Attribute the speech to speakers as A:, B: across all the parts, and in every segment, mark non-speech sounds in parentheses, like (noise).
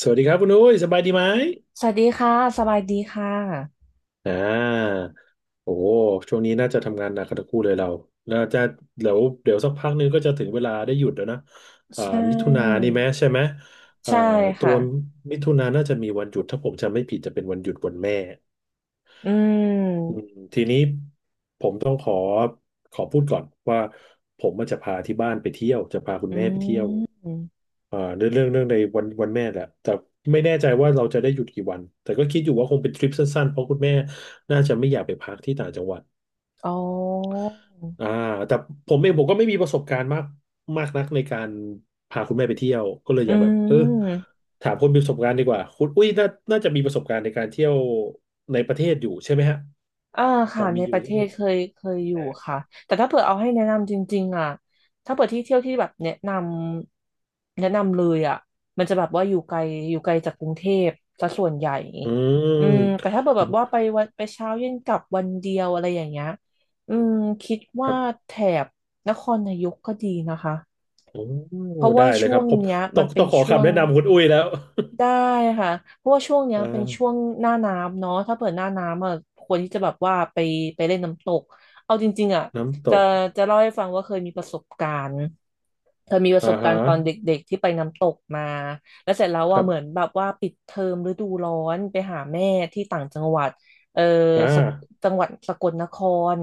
A: สวัสดีครับคุณอุ้ยสบายดีไหม
B: สวัสดีค่ะสบายดีค่ะ
A: อ่าโอ้โหช่วงนี้น่าจะทำงานหนักกันทั้งคู่เลยเราจะเดี๋ยวสักพักนึงก็จะถึงเวลาได้หยุดแล้วนะอ่า
B: ใช่
A: มิถุนานี่ไหมใช่ไหมเอ่อ
B: ใช่
A: ตั
B: ค่ะ
A: วมิถุนาน่าจะมีวันหยุดถ้าผมจำไม่ผิดจะเป็นวันหยุดวันแม่
B: อื
A: อื
B: ม
A: มทีนี้ผมต้องขอพูดก่อนว่าผมมันจะพาที่บ้านไปเที่ยวจะพาคุณ
B: อื
A: แม่ไปเที่ยว
B: ม
A: เรื่องในวันแม่แหละแต่ไม่แน่ใจว่าเราจะได้หยุดกี่วันแต่ก็คิดอยู่ว่าคงเป็นทริปสั้นๆเพราะคุณแม่น่าจะไม่อยากไปพักที่ต่างจังหวัด
B: อ๋อ
A: อ่าแต่ผมเองผมก็ไม่มีประสบการณ์มากมากนักในการพาคุณแม่ไปเที่ยวก็เลย
B: อื
A: อยากแบบ
B: ม
A: ถามคนมีประสบการณ์ดีกว่าคุณอุ้ยน่าจะมีประสบการณ์ในการเที่ยวในประเทศอยู่ใช่ไหมฮะ
B: อ่า
A: พอ
B: ค่ะใน
A: มีอ
B: ป
A: ยู่
B: ระเท
A: ใช่ไหม
B: ศเคยอยู่ค่ะแต่ถ้าเผื่อเอาให้แนะนำจริงๆอ่ะถ้าเผื่อที่เที่ยวที่แบบแนะนำเลยอ่ะมันจะแบบว่าอยู่ไกลจากกรุงเทพซะส่วนใหญ่
A: อื
B: อืมแต่
A: ม
B: ถ้าเผื่อแบบว่าไปเช้าเย็นกลับวันเดียวอะไรอย่างเงี้ยอืมคิด
A: ค
B: ว่า
A: รับ
B: แถบนครนายกก็ดีนะคะ
A: โอ้
B: เพราะ
A: ได้
B: ว่า
A: เลย
B: ช่
A: ค
B: ว
A: รับ
B: ง
A: ผม
B: เนี้ยมันเป็
A: ต้อ
B: น
A: งขอ
B: ช่ว
A: คำ
B: ง
A: แนะนำคุณอุ้ยแล้ว
B: ได้ค่ะเพราะว่าช่วงเนี้
A: (laughs)
B: ย
A: อ่า
B: เป็นช่วงหน้าน้ำเนาะถ้าเปิดหน้าน้ำอ่ะควรที่จะแบบว่าไปเล่นน้ำตกเอาจริงๆอ่ะ
A: น้ำต
B: จะ
A: ก
B: จะเล่าให้ฟังว่าเคยมีประสบการณ์ เธอมีประ
A: อ่า
B: สบกา
A: ฮะ
B: รณ์ตอนเด็กๆที่ไปน้ำตกมาแล้วเสร็จแล้ว
A: ค
B: ว่า
A: รั
B: เหมือน
A: บ
B: แบบว่าปิดเทอมฤดูร้อนไปหาแม่ที่ต่างจังหวัดเออ
A: อ่
B: สก
A: า
B: จังหวัดสกลนคร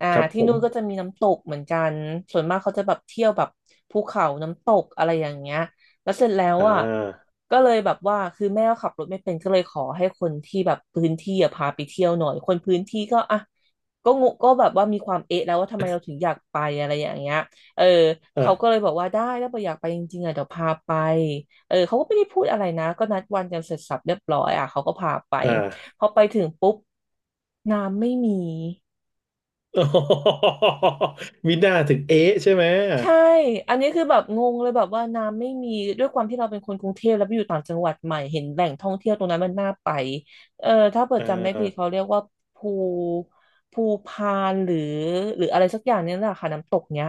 A: ครับ
B: ที่
A: ผม
B: นู่นก็จะมีน้ำตกเหมือนกันส่วนมากเขาจะแบบเที่ยวแบบภูเขาน้ำตกอะไรอย่างเงี้ยแล้วเสร็จแล้ว
A: อ่
B: อ่ะ
A: า
B: ก็เลยแบบว่าคือแม่ก็ขับรถไม่เป็นก็เลยขอให้คนที่แบบพื้นที่อ่ะพาไปเที่ยวหน่อยคนพื้นที่ก็อ่ะก็งงก็แบบว่ามีความเอะแล้วว่าทำไมเราถึงอยากไปอะไรอย่างเงี้ย เออเขาก็เล
A: อ่า
B: ยบอกว่าได้ถ้าเกิดอยากไปจริงๆอ่ะเดี๋ยวพาไปเออเขาก็ไม่ได้พูดอะไรนะก็นัดวันกันเสร็จสรรพเรียบร้อยอ่ะเขาก็พาไป
A: อ่า
B: พอไปถึงปุ๊บน้ำไม่มี
A: (laughs) โอโหมีหน้าถึงเอ๊ะใช่ไหม
B: ใช่ อันนี้คือแบบงงเลยแบบว่าน้ำไม่มีด้วยความที่เราเป็นคนกรุงเทพแล้วไปอยู่ต่างจังหวัดใหม่เห็นแหล่งท่องเที่ยวตรงนั้นมันน่าไปเออถ้าเปิด
A: อ่
B: จำไม่ผิดเขา
A: า
B: เรียกว่าภูภูพานหรืออะไรสักอย่างเนี้แหละค่ะน้ำตกเนี้ย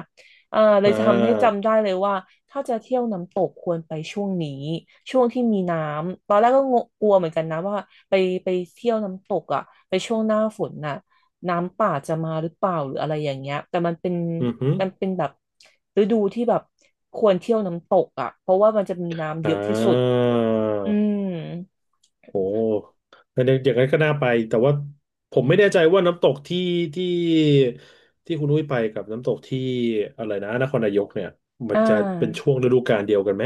B: เออเล
A: อ่
B: ยทำให้
A: า
B: จำได้เลยว่าถ้าจะเที่ยวน้ำตกควรไปช่วงนี้ช่วงที่มีน้ำตอนแรกก็งงกลัวเหมือนกันนะว่าไปไปเที่ยวน้ำตกอ่ะไปช่วงหน้าฝนน่ะ น้ำป่าจะมาหรือเปล่าหรืออะไรอย่างเงี้ยแต่
A: อือหื
B: มันเป็นแบบฤดูที่แบบควรเที่ยวน้ำตกอ่ะเพราะว่ามันจะมีน้ำ
A: อ่
B: เยอะที่สุดอื
A: า
B: ม
A: โอ้แต่ในอย่างนั้นก็น่าไป แต่ว่าผมไม่แน่ใจว่าน้ำตกที่ที่คุณนุ้ยไปกับน้ำตกที่อะไรนะนครนายกเนี่ยมั
B: อ่
A: นจะเป็น
B: า
A: ช่วงฤดูกาลเดียวกันไหม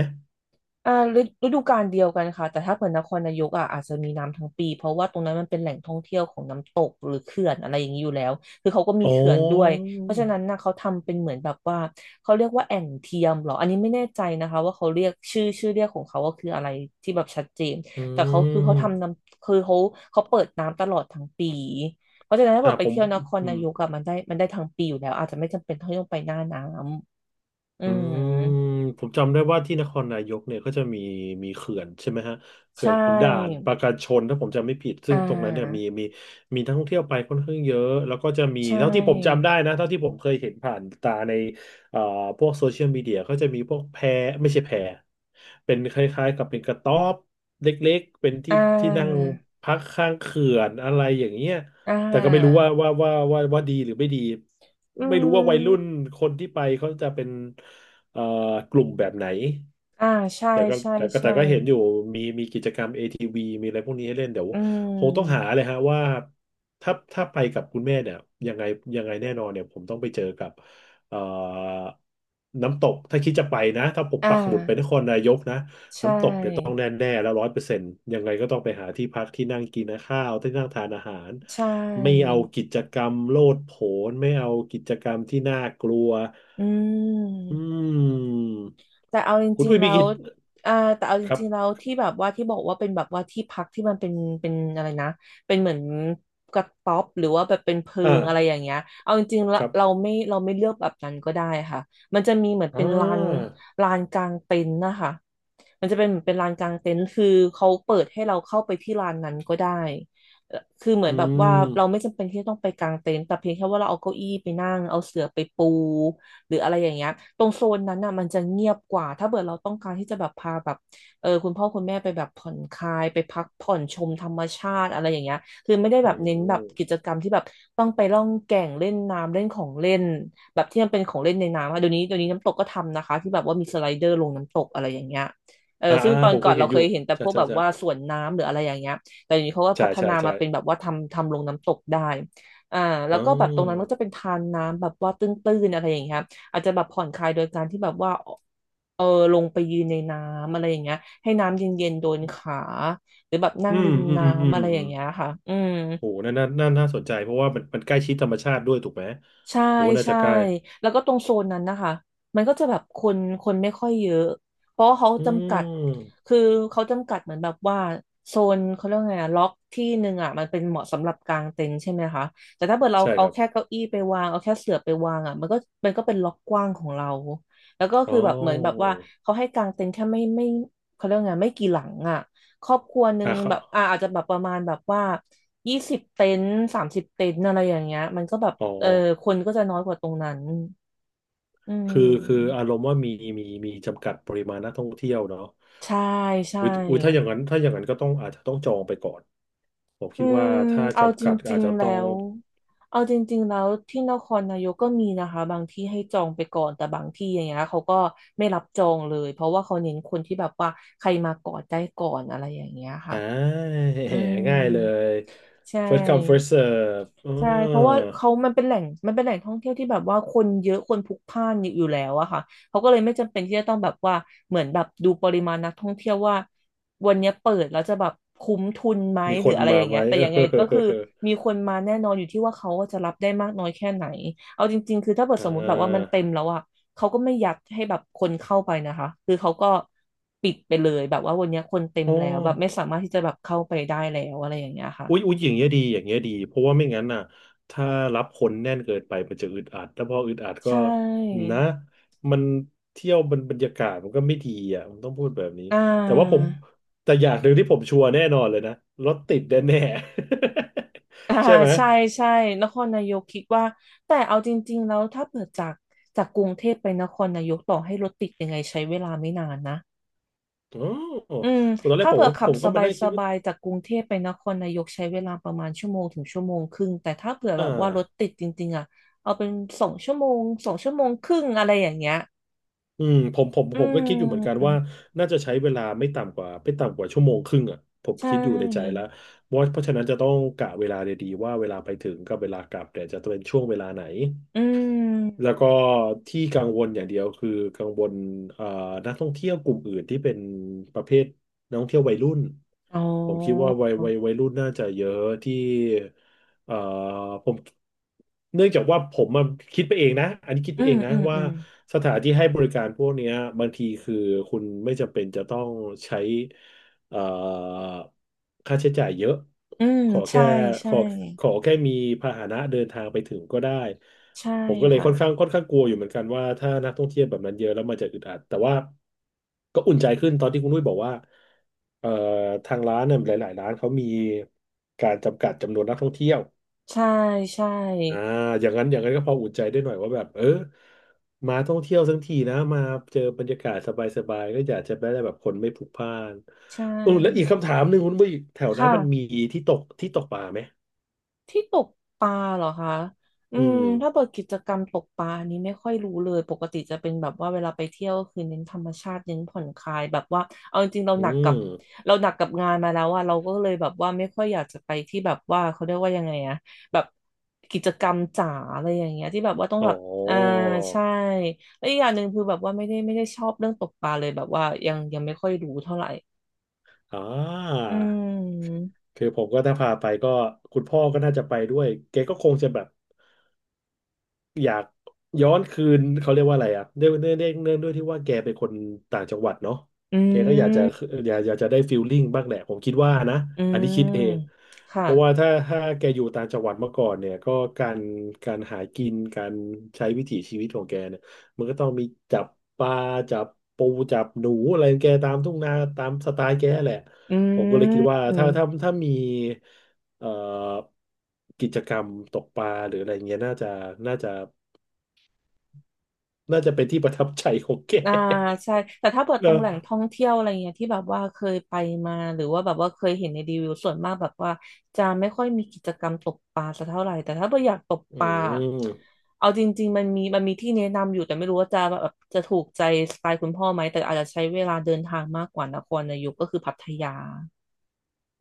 B: อ่าฤฤดูกาลเดียวกันค่ะแต่ถ้าเกิดนครนายกอ่ะอาจจะมีน้ำทั้งปีเพราะว่าตรงนั้นมันเป็นแหล่งท่องเที่ยวของน้ำตกหรือเขื่อนอะไรอย่างนี้อยู่แล้วคือเขาก็มี
A: อ๋
B: เขื่อนด้วย
A: อ
B: เพราะฉะนั้นนะเขาทำเป็นเหมือนแบบว่าเขาเรียกว่าแอ่งเทียมเหรออันนี้ไม่แน่ใจนะคะว่าเขาเรียกชื่อเรียกของเขาว่าคืออะไรที่แบบชัดเจน
A: อื
B: แต่เขาคือเขาทำน้
A: ม
B: ำคือเขาเขาเปิดน้ำตลอดทั้งปีเพราะฉะนั้นถ้าเกิดไป
A: ผม
B: เที่ยวนคร
A: อื
B: นา
A: ม
B: ยกอะมันได้ทั้งปีอยู่แล้วอาจจะไม่จำเป็นต้องไปหน้าน้ำอื
A: อืม
B: ม
A: ผมจำได้ว่าที่นครนายกเนี่ยก็จะมีเขื่อนใช่ไหมฮะ
B: ใช
A: เขื่อนขุนด่าน
B: ่
A: ปราการชนถ้าผมจำไม่ผิด
B: อ่
A: ซึ่งตรงนั้นเนี่ย
B: า
A: มีนักท่องเที่ยวไปค่อนข้างเยอะแล้วก็จะมี
B: ใช
A: เท่าที่ผม
B: ่
A: จำได้นะเท่าที่ผมเคยเห็นผ่านตาในเอ่อพวกโซเชียลมีเดียก็จะมีพวกแพไม่ใช่แพเป็นคล้ายๆกับเป็นกระต๊อบเล็กๆเป็น
B: อ่
A: ที่นั่ง
B: า
A: พักข้างเขื่อนอะไรอย่างเงี้ย
B: อ่
A: แต่ก็ไม่รู้
B: า
A: ว่าดีหรือไม่ดี
B: อื
A: ไม่รู้ว่าวัยรุ่น
B: ม
A: คนที่ไปเขาจะเป็นเอ่อกลุ่มแบบไหน
B: อ่าใช่ใช่ใช่
A: แต่ก็เห็นอยู่มีกิจกรรม ATV มีอะไรพวกนี้ให้เล่นเดี๋ยว
B: อื
A: คงต้องหา
B: ม
A: เลยฮะว่าถ้าไปกับคุณแม่เนี่ยยังไงยังไงแน่นอนเนี่ยผมต้องไปเจอกับเอ่อน้ำตกถ้าคิดจะไปนะถ้าผม
B: อ่
A: ปักหมุดไปนค
B: า
A: รนายกนะ
B: ใช
A: ต้อง
B: ่
A: แน่ๆแล้วร้อยเปอร์เซ็นต์ยังไงก็ต้องไปหาที่พักที่นั่งกินข้าวที่นั่งทานอาหาร
B: ใช่
A: ไม่เอากิจกรรมโลดโผนไม่เอากิจกรรมที่น่ากลัว
B: อืม
A: อืม
B: แต่เอาจ
A: คุณ
B: ริง
A: อุ้ย
B: ๆแล้
A: มี
B: ว
A: กิจ
B: อ่าแต่เอาจ
A: ครั
B: ริงๆแล้ว
A: บ
B: ที่แบบว่าที่บอกว่าเป็นแบบว่าที่พักมันเป็นเป็นอะไรนะเป็นเหมือนกระต๊อบหรือว่าแบบเป็นเพิ
A: อ่า
B: งอะไรอย่างเงี้ยเอาจริงๆแล้
A: ค
B: ว
A: รับ
B: เราไม่เลือกแบบนั้นก็ได้ค่ะมันจะมีเหมือน
A: อ่า
B: เป็นลานกลางเต็นท์นะคะมันจะเป็นเหมือนเป็นลานกลางเต็นท์คือเขาเปิดให้เราเข้าไปที่ลานนั้นก็ได้คือเหมือ
A: อื
B: นแบบว่าเราไม่
A: ม
B: จำเป็นที่จะต้องไปกางเต็นท์แต่เพียงแค่ว่าเราเอาเก้าอี้ไปนั่งเอาเสื่อไปปู หรืออะไรอย่างเงี้ยตรงโซนนั้นน่ะมันจะเงียบกว่าถ้าเกิดเราต้องการที่จะแบบพาแบบเออคุณพ่อคุณแม่ไปแบบผ่อนคลายไปพักผ่อนชมธรรมชาติอะไรอย่างเงี้ยคือไม่ได้
A: อื
B: แบบเน้นแบบกิ
A: ม
B: จกรรมที่แบบต้องไปล่องแก่งเล่นน้ำเล่นของเล่นแบบที่มันเป็นของเล่นในน้ำค่ะเดี๋ยวนี้น้ำตกก็ทำนะคะที่แบบว่ามีสไลเดอร์ลงน้ำตกอะไรอย่างเงี้ยเออ
A: อ่า
B: ซึ่ง
A: อ่า
B: ตอ
A: ผ
B: น
A: ม
B: ก่
A: เค
B: อน
A: ย
B: เรา
A: เห็นอ
B: เค
A: ยู่
B: ยเห็นแต่พ
A: ใช่
B: วก
A: ใช่
B: แบบ
A: ใช่
B: ว่าสวนน้ำหรืออะไรอย่างเงี้ยแต่เดี๋ยวนี้เขาก็
A: ใช่
B: พัฒ
A: ใช่
B: นา
A: ใช่
B: มาเป็นแบบว่าทำลงน้ำตกได้อ่าแล้
A: อ่
B: วก็แบบตรงนั้นมันก็จะเป็น
A: า
B: ทานน้ำแบบว่าตื้นๆอะไรอย่างเงี้ย อาจจะแบบผ่อนคลายโดยการที่แบบว่าเออลงไปยืนในน้ำอะไรอย่างเงี้ยให้น้ำเย็นๆโดนขาหรือแบบนั่
A: อื
B: งริ
A: ม
B: ม
A: อืมอื
B: น้ำ
A: ม
B: อะไรอ
A: อื
B: ย่า
A: ม
B: งเงี้ยค่ะอืม
A: โหนั่นน่าสนใจเพราะว่ามันใกล้ชิดธรรมชาติด้วยถูกไหม
B: ใช่
A: โหน่าจะ
B: ใช่
A: ใกล้
B: แล้วก็ตรงโซนนั้นนะคะมันก็จะแบบคนไม่ค่อยเยอะเพราะว่าเขา
A: อื
B: จำกัด
A: ม
B: คือเขาจำกัดเหมือนแบบว่าโซนเขาเรียกว่าไงอะล็อกที่หนึ่งอ่ะมันเป็นเหมาะสำหรับกางเต็นท์ใช่ไหมคะแต่ถ้าเกิดเรา
A: ใช่ค
B: เอา
A: รับ
B: แค่เก้าอี้ไปวางเอาแค่เสื่อไปวางอ่ะมันก็เป็นล็อกกว้างของเราแล้วก็
A: อ๋
B: คื
A: อ
B: อแบบเหมือนแบบว่าเขาให้กางเต็นท์แค่ไม่ไม่เขาเรียกว่าไงไม่กี่หลังอ่ะ ครอบครัวหนึ่ง
A: อ่ะครั
B: แบบ
A: บ
B: อาจจะแบบประมาณแบบว่า20 เต็นท์30 เต็นท์อะไรอย่างเงี้ยมันก็แบบ
A: อ๋อ
B: คนก็จะน้อยกว่าตรงนั้นอื
A: คือคือ
B: ม
A: อารมณ์ว่ามีมีจำกัดปริมาณนักท่องเที่ยวเนาะ
B: ใช่ใช่
A: อุ้ยอุ้ยถ้าอย่างนั้นถ้าอย่างนั้นก็ต้องอาจจะต้องจองไปก่อน ผม
B: อื
A: คิดว่า
B: ม
A: ถ้า
B: เอา
A: จำ
B: จ
A: กัดอา
B: ริ
A: จ
B: ง
A: จะ
B: ๆแล้
A: ต้อง
B: วเอาจริงๆแล้วที่นครนายกก็มีนะคะบางที่ให้จองไปก่อนแต่บางที่อย่างเงี้ยเขาก็ไม่รับจองเลยเพราะว่าเขาเน้นคนที่แบบว่าใครมาก่อนได้ก่อนอะไรอย่างเงี้ย
A: อ่
B: ค่ะ
A: า
B: อืม
A: ง่ายเลย
B: ใช
A: first come first
B: ่
A: serve
B: ใช่เพราะว่าเขามันเป็นแหล่งมันเป็นแหล่งท่องเที่ยวที่แบบว่าคนเยอะคนพลุกพล่านอยู่แล้วอะค่ะเขาก็เลยไม่จำเป็นที่จะต้องแบบว่าเหมือนแบบดูปริมาณนักท่องเที่ยวว่าวันเนี้ยเปิดแล้วจะแบบคุ้มทุนไหม
A: มี
B: ห
A: ค
B: รือ
A: น
B: อะไรอ
A: มา
B: ย่าง
A: ไหม
B: เงี้ย
A: (laughs)
B: แต่ยังไงก็คือมีคนมาแน่นอนอยู่ที่ว่าเขาจะรับได้มากน้อยแค่ไหนเอาจริงๆคือถ้าเปิด
A: เออ
B: สมมติแบบว่ามัน
A: อ่า
B: เต็มแล้วอะเขาก็ไม่ยัดให้แบบคนเข้าไปนะคะคือเขาก็ปิดไปเลยแบบว่าวันเนี้ยคนเต็ม
A: อ๋อ
B: แล้วแบบไม่สามารถที่จะแบบเข้าไปได้แล้วอะไรอย่างเงี้ยค่ะ
A: อุ๊ยอุ๊ยอย่างเงี้ยดีอย่างเงี้ยดีเพราะว่าไม่งั้นน่ะถ้ารับคนแน่นเกินไปมันจะอึดอัดแล้วพออึดอัดก็
B: ใช่
A: นะมันเที่ยวมันบรรยากาศมันก็ไม่ดีอ่ะผมต้องพูดแบบนี้
B: อ่
A: แต่ว่าผ
B: า
A: มแต่อย่างหนึ่งที่ผมชัวร์แน่นอนเลยนะรถติดแน่ๆ
B: (laughs) อ่า
A: (laughs) ใช่ไหม
B: ใช่ใช่นครนายกคิดว่าแต่เอาจริงๆแล้วถ้าเปิดจากกรุงเทพไปนครนายกต่อให้รถติดยังไงใช้เวลาไม่นานนะ
A: อ๋อผ
B: อืม
A: มตอนแรก
B: ถ้าเปิดขั
A: ผ
B: บ
A: ม
B: ส
A: ก็มานั่งคิดว่า
B: บายๆจากกรุงเทพไปนครนายกใช้เวลาประมาณชั่วโมงถึงชั่วโมงครึ่งแต่ถ้าเผื่อ
A: อ่
B: แบบว่ารถ
A: า
B: ติดจริงๆอ่ะเอาเป็นสองชั่วโมง2 ชั่วโมงครึ่งอะไรอย่างเงี้ย
A: อืมผม
B: อื
A: ผมก็คิดอยู่เหมือนกัน
B: ม
A: ว่าน่าจะใช้เวลาไม่ต่ำกว่าชั่วโมงครึ่งอ่ะผม
B: ใช
A: คิดอยู่ในใจ
B: ่
A: แล้วว่าเพราะฉะนั้นจะต้องกะเวลาดีๆว่าเวลาไปถึงกับเวลากลับเนี่ยจะเป็นช่วงเวลาไหน
B: อื
A: แล้
B: ม
A: วก็ที่กังวลอย่างเดียวคือกังวลเอ่อนักท่องเที่ยวกลุ่มอื่นที่เป็นประเภทนักท่องเที่ยววัยรุ่น
B: อ๋อ
A: ผมคิดว่าวัยรุ่นน่าจะเยอะที่เอ่อผมเนื่องจากว่าผมมาคิดไปเองนะอันนี้คิด
B: อื
A: ไปเอ
B: ม
A: งนะ
B: อืม
A: ว่า
B: อืม
A: สถานที่ให้บริการพวกเนี้ยบางทีคือคุณไม่จำเป็นจะต้องใช้เอ่อค่าใช้จ่ายเยอะ
B: อืม
A: ขอ
B: ใช่
A: แค่ข
B: ใช่
A: อขอแค่มีพาหนะเดินทางไปถึงก็ได้
B: ใช่
A: ผมก็เลย
B: ค่ะ
A: ค่อนข้างกลัวอยู่เหมือนกันว่าถ้านักท่องเที่ยวแบบนั้นเยอะแล้วมันจะอึดอัดแต่ว่าก็อุ่นใจขึ้นตอนที่คุณนุ้ยบอกว่าเอ่อทางร้านเนี่ยหลายๆร้านเขามีการจำกัดจำนวนนักท่องเที่ยว
B: ใช่ใช่
A: อ่าอย่างนั้นอย่างนั้นก็พออุ่นใจได้หน่อยว่าแบบเออมาท่องเที่ยวทั้งทีนะมาเจอบรรยากาศสบายๆก็อยากจะได้แบบคนไม่พลุกพล่าน
B: ใช
A: อือแล้วอีก
B: ่
A: คำถามหนึ่งคุณนุ้ยแถวนั้น
B: ค่ะ
A: มันมีที่ตกปลาไหม
B: ที่ตกปลาเหรอคะอื
A: อื
B: ม
A: ม
B: ถ้าเปิดกิจกรรมตกปลาอันนี้ไม่ค่อยรู้เลยปกติจะเป็นแบบว่าเวลาไปเที่ยวก็คือเน้นธรรมชาติเน้นผ่อนคลายแบบว่าเอาจริงๆเรา
A: อื
B: หนักกั
A: ม
B: บเราหนักกับงานมาแล้วอะเราก็เลยแบบว่าไม่ค่อยอยากจะไปที่แบบว่าเขาเรียกว่ายังไงอะแบบกิจกรรมจ๋าอะไรอย่างเงี้ยที่แบบว่าต้อง
A: อ๋อ
B: แบบอ่าใช่แล้วอีกอย่างหนึ่งคือแบบว่าไม่ได้ชอบเรื่องตกปลาเลยแบบว่ายังไม่ค่อยรู้เท่าไหร่
A: อ่า
B: อืม
A: คือผมก็ถ้าพาไปก็คุณพ่อก็น่าจะไปด้วยแกก็คงจะแบบอยากย้อนคืนเขาเรียกว่าอะไรอ่ะเนื่องด้วยที่ว่าแกเป็นคนต่างจังหวัดเนาะ
B: อื
A: แกก็อยากจะ
B: ม
A: อยากจะได้ฟีลลิ่งบ้างแหละผมคิดว่านะ
B: อื
A: อันนี้คิดเอง
B: ม
A: เพ
B: ค่ะ
A: ราะว่าถ้าแกอยู่ต่างจังหวัดมาก่อนเนี่ยก็การการหากินการใช้วิถีชีวิตของแกเนี่ยมันก็ต้องมีจับปลาจับปูจับหนูอะไรของแกตามทุ่งนาตามสไตล์แกแหละ
B: อื
A: ผมก็เลยคิดว่าถ้า
B: ม
A: ถ้าถ้ามี เอ่อกิจกรรมตกปลาหรืออะไรเงี้ยน่าจะน่าจะเป็นที่ประทับใจของแก
B: อ่าใช่ แต่ถ้าเปิดต
A: เน
B: รง
A: อะ
B: แหล่งท่องเที่ยวอะไรเงี้ยที่แบบว่าเคยไปมาหรือว่าแบบว่าเคยเห็นในรีวิวส่วนมากแบบว่าจะไม่ค่อยมีกิจกรรมตกปลาสักเท่าไหร่แต่ถ้าเปิดอยากตก
A: อื
B: ปลา
A: ม
B: เอาจริงๆมันมีที่แนะนำอยู่แต่ไม่รู้ว่าจะแบบจะถูกใจสไตล์คุณพ่อไหมแต่อาจจะใช้เวลาเดินทางมากกว่านครนายกก็คือพัทยา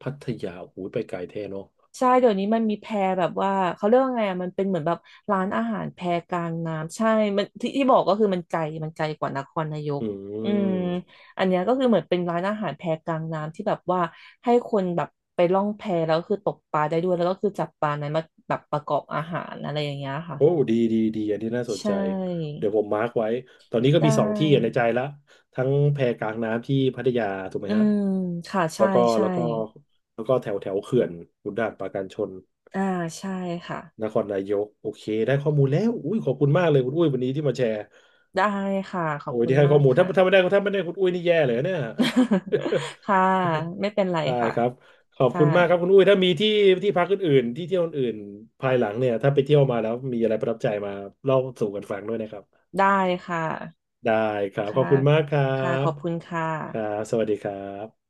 A: พัทยาโอ้โหูไปไกลแท้เนาะ
B: ใช่เดี๋ยวนี้มันมีแพแบบว่าเขาเรียกว่าไงอ่ะมันเป็นเหมือนแบบร้านอาหารแพกลางน้ำใช่มันที่ที่บอกก็คือมันไกลกว่านครนายก
A: อื
B: อืม
A: ม
B: อันเนี้ยก็คือเหมือนเป็นร้านอาหารแพกลางน้ำที่แบบว่าให้คนแบบไปล่องแพแล้วก็คือตกปลาได้ด้วยแล้วก็คือจับปลานั้นมาแบบประกอบอาหารอะไรอย่างเงี้ยค่ะ
A: โอ้ดีอันนี้น่าสน
B: ใช่
A: ใจเดี๋ยวผมมาร์กไว้ตอนนี้ก็
B: ได
A: มีสองที่ใน
B: ้
A: ใจละทั้งแพกลางน้ำที่พัทยาถูกไหม
B: อื
A: ฮะ
B: มค่ะ
A: แล้
B: ใช่
A: วก็
B: ใช่
A: แล้วก็แล้วก็แถวแถวเขื่อนขุนด่านปราการชน
B: อ่าใช่ค่ะ
A: นครนายกโอเคได้ข้อมูลแล้วอุ้ยขอบคุณมากเลยคุณอุ้ยวันนี้ที่มาแชร์
B: ได้ค่ะขอ
A: โอ้
B: บ
A: ย
B: คุณ
A: ที่ให้
B: มา
A: ข้อ
B: ก
A: มูลถ้า
B: ค่ะ
A: ถ้าไม่ได้ถ้าไม่ได้คุณอุ้ยนี่แย่เลยนะเนี่ย (laughs)
B: (laughs) ค่ะไม่เป็นไร
A: ได้
B: ค่ะ
A: ครับขอบ
B: ค่ะ
A: คุณมากครับคุณอุ้ยถ้ามีที่พักอื่นๆที่เที่ยวอื่นๆภายหลังเนี่ยถ้าไปเที่ยวมาแล้วมีอะไรประทับใจมาเล่าสู่กันฟังด้วยนะครับ
B: ได้ค่ะ
A: ได้ครับข
B: ค่ะ
A: อบคุณมากครั
B: ค่ะข
A: บ
B: อบคุณค่ะ
A: ครับสวัสดีครับ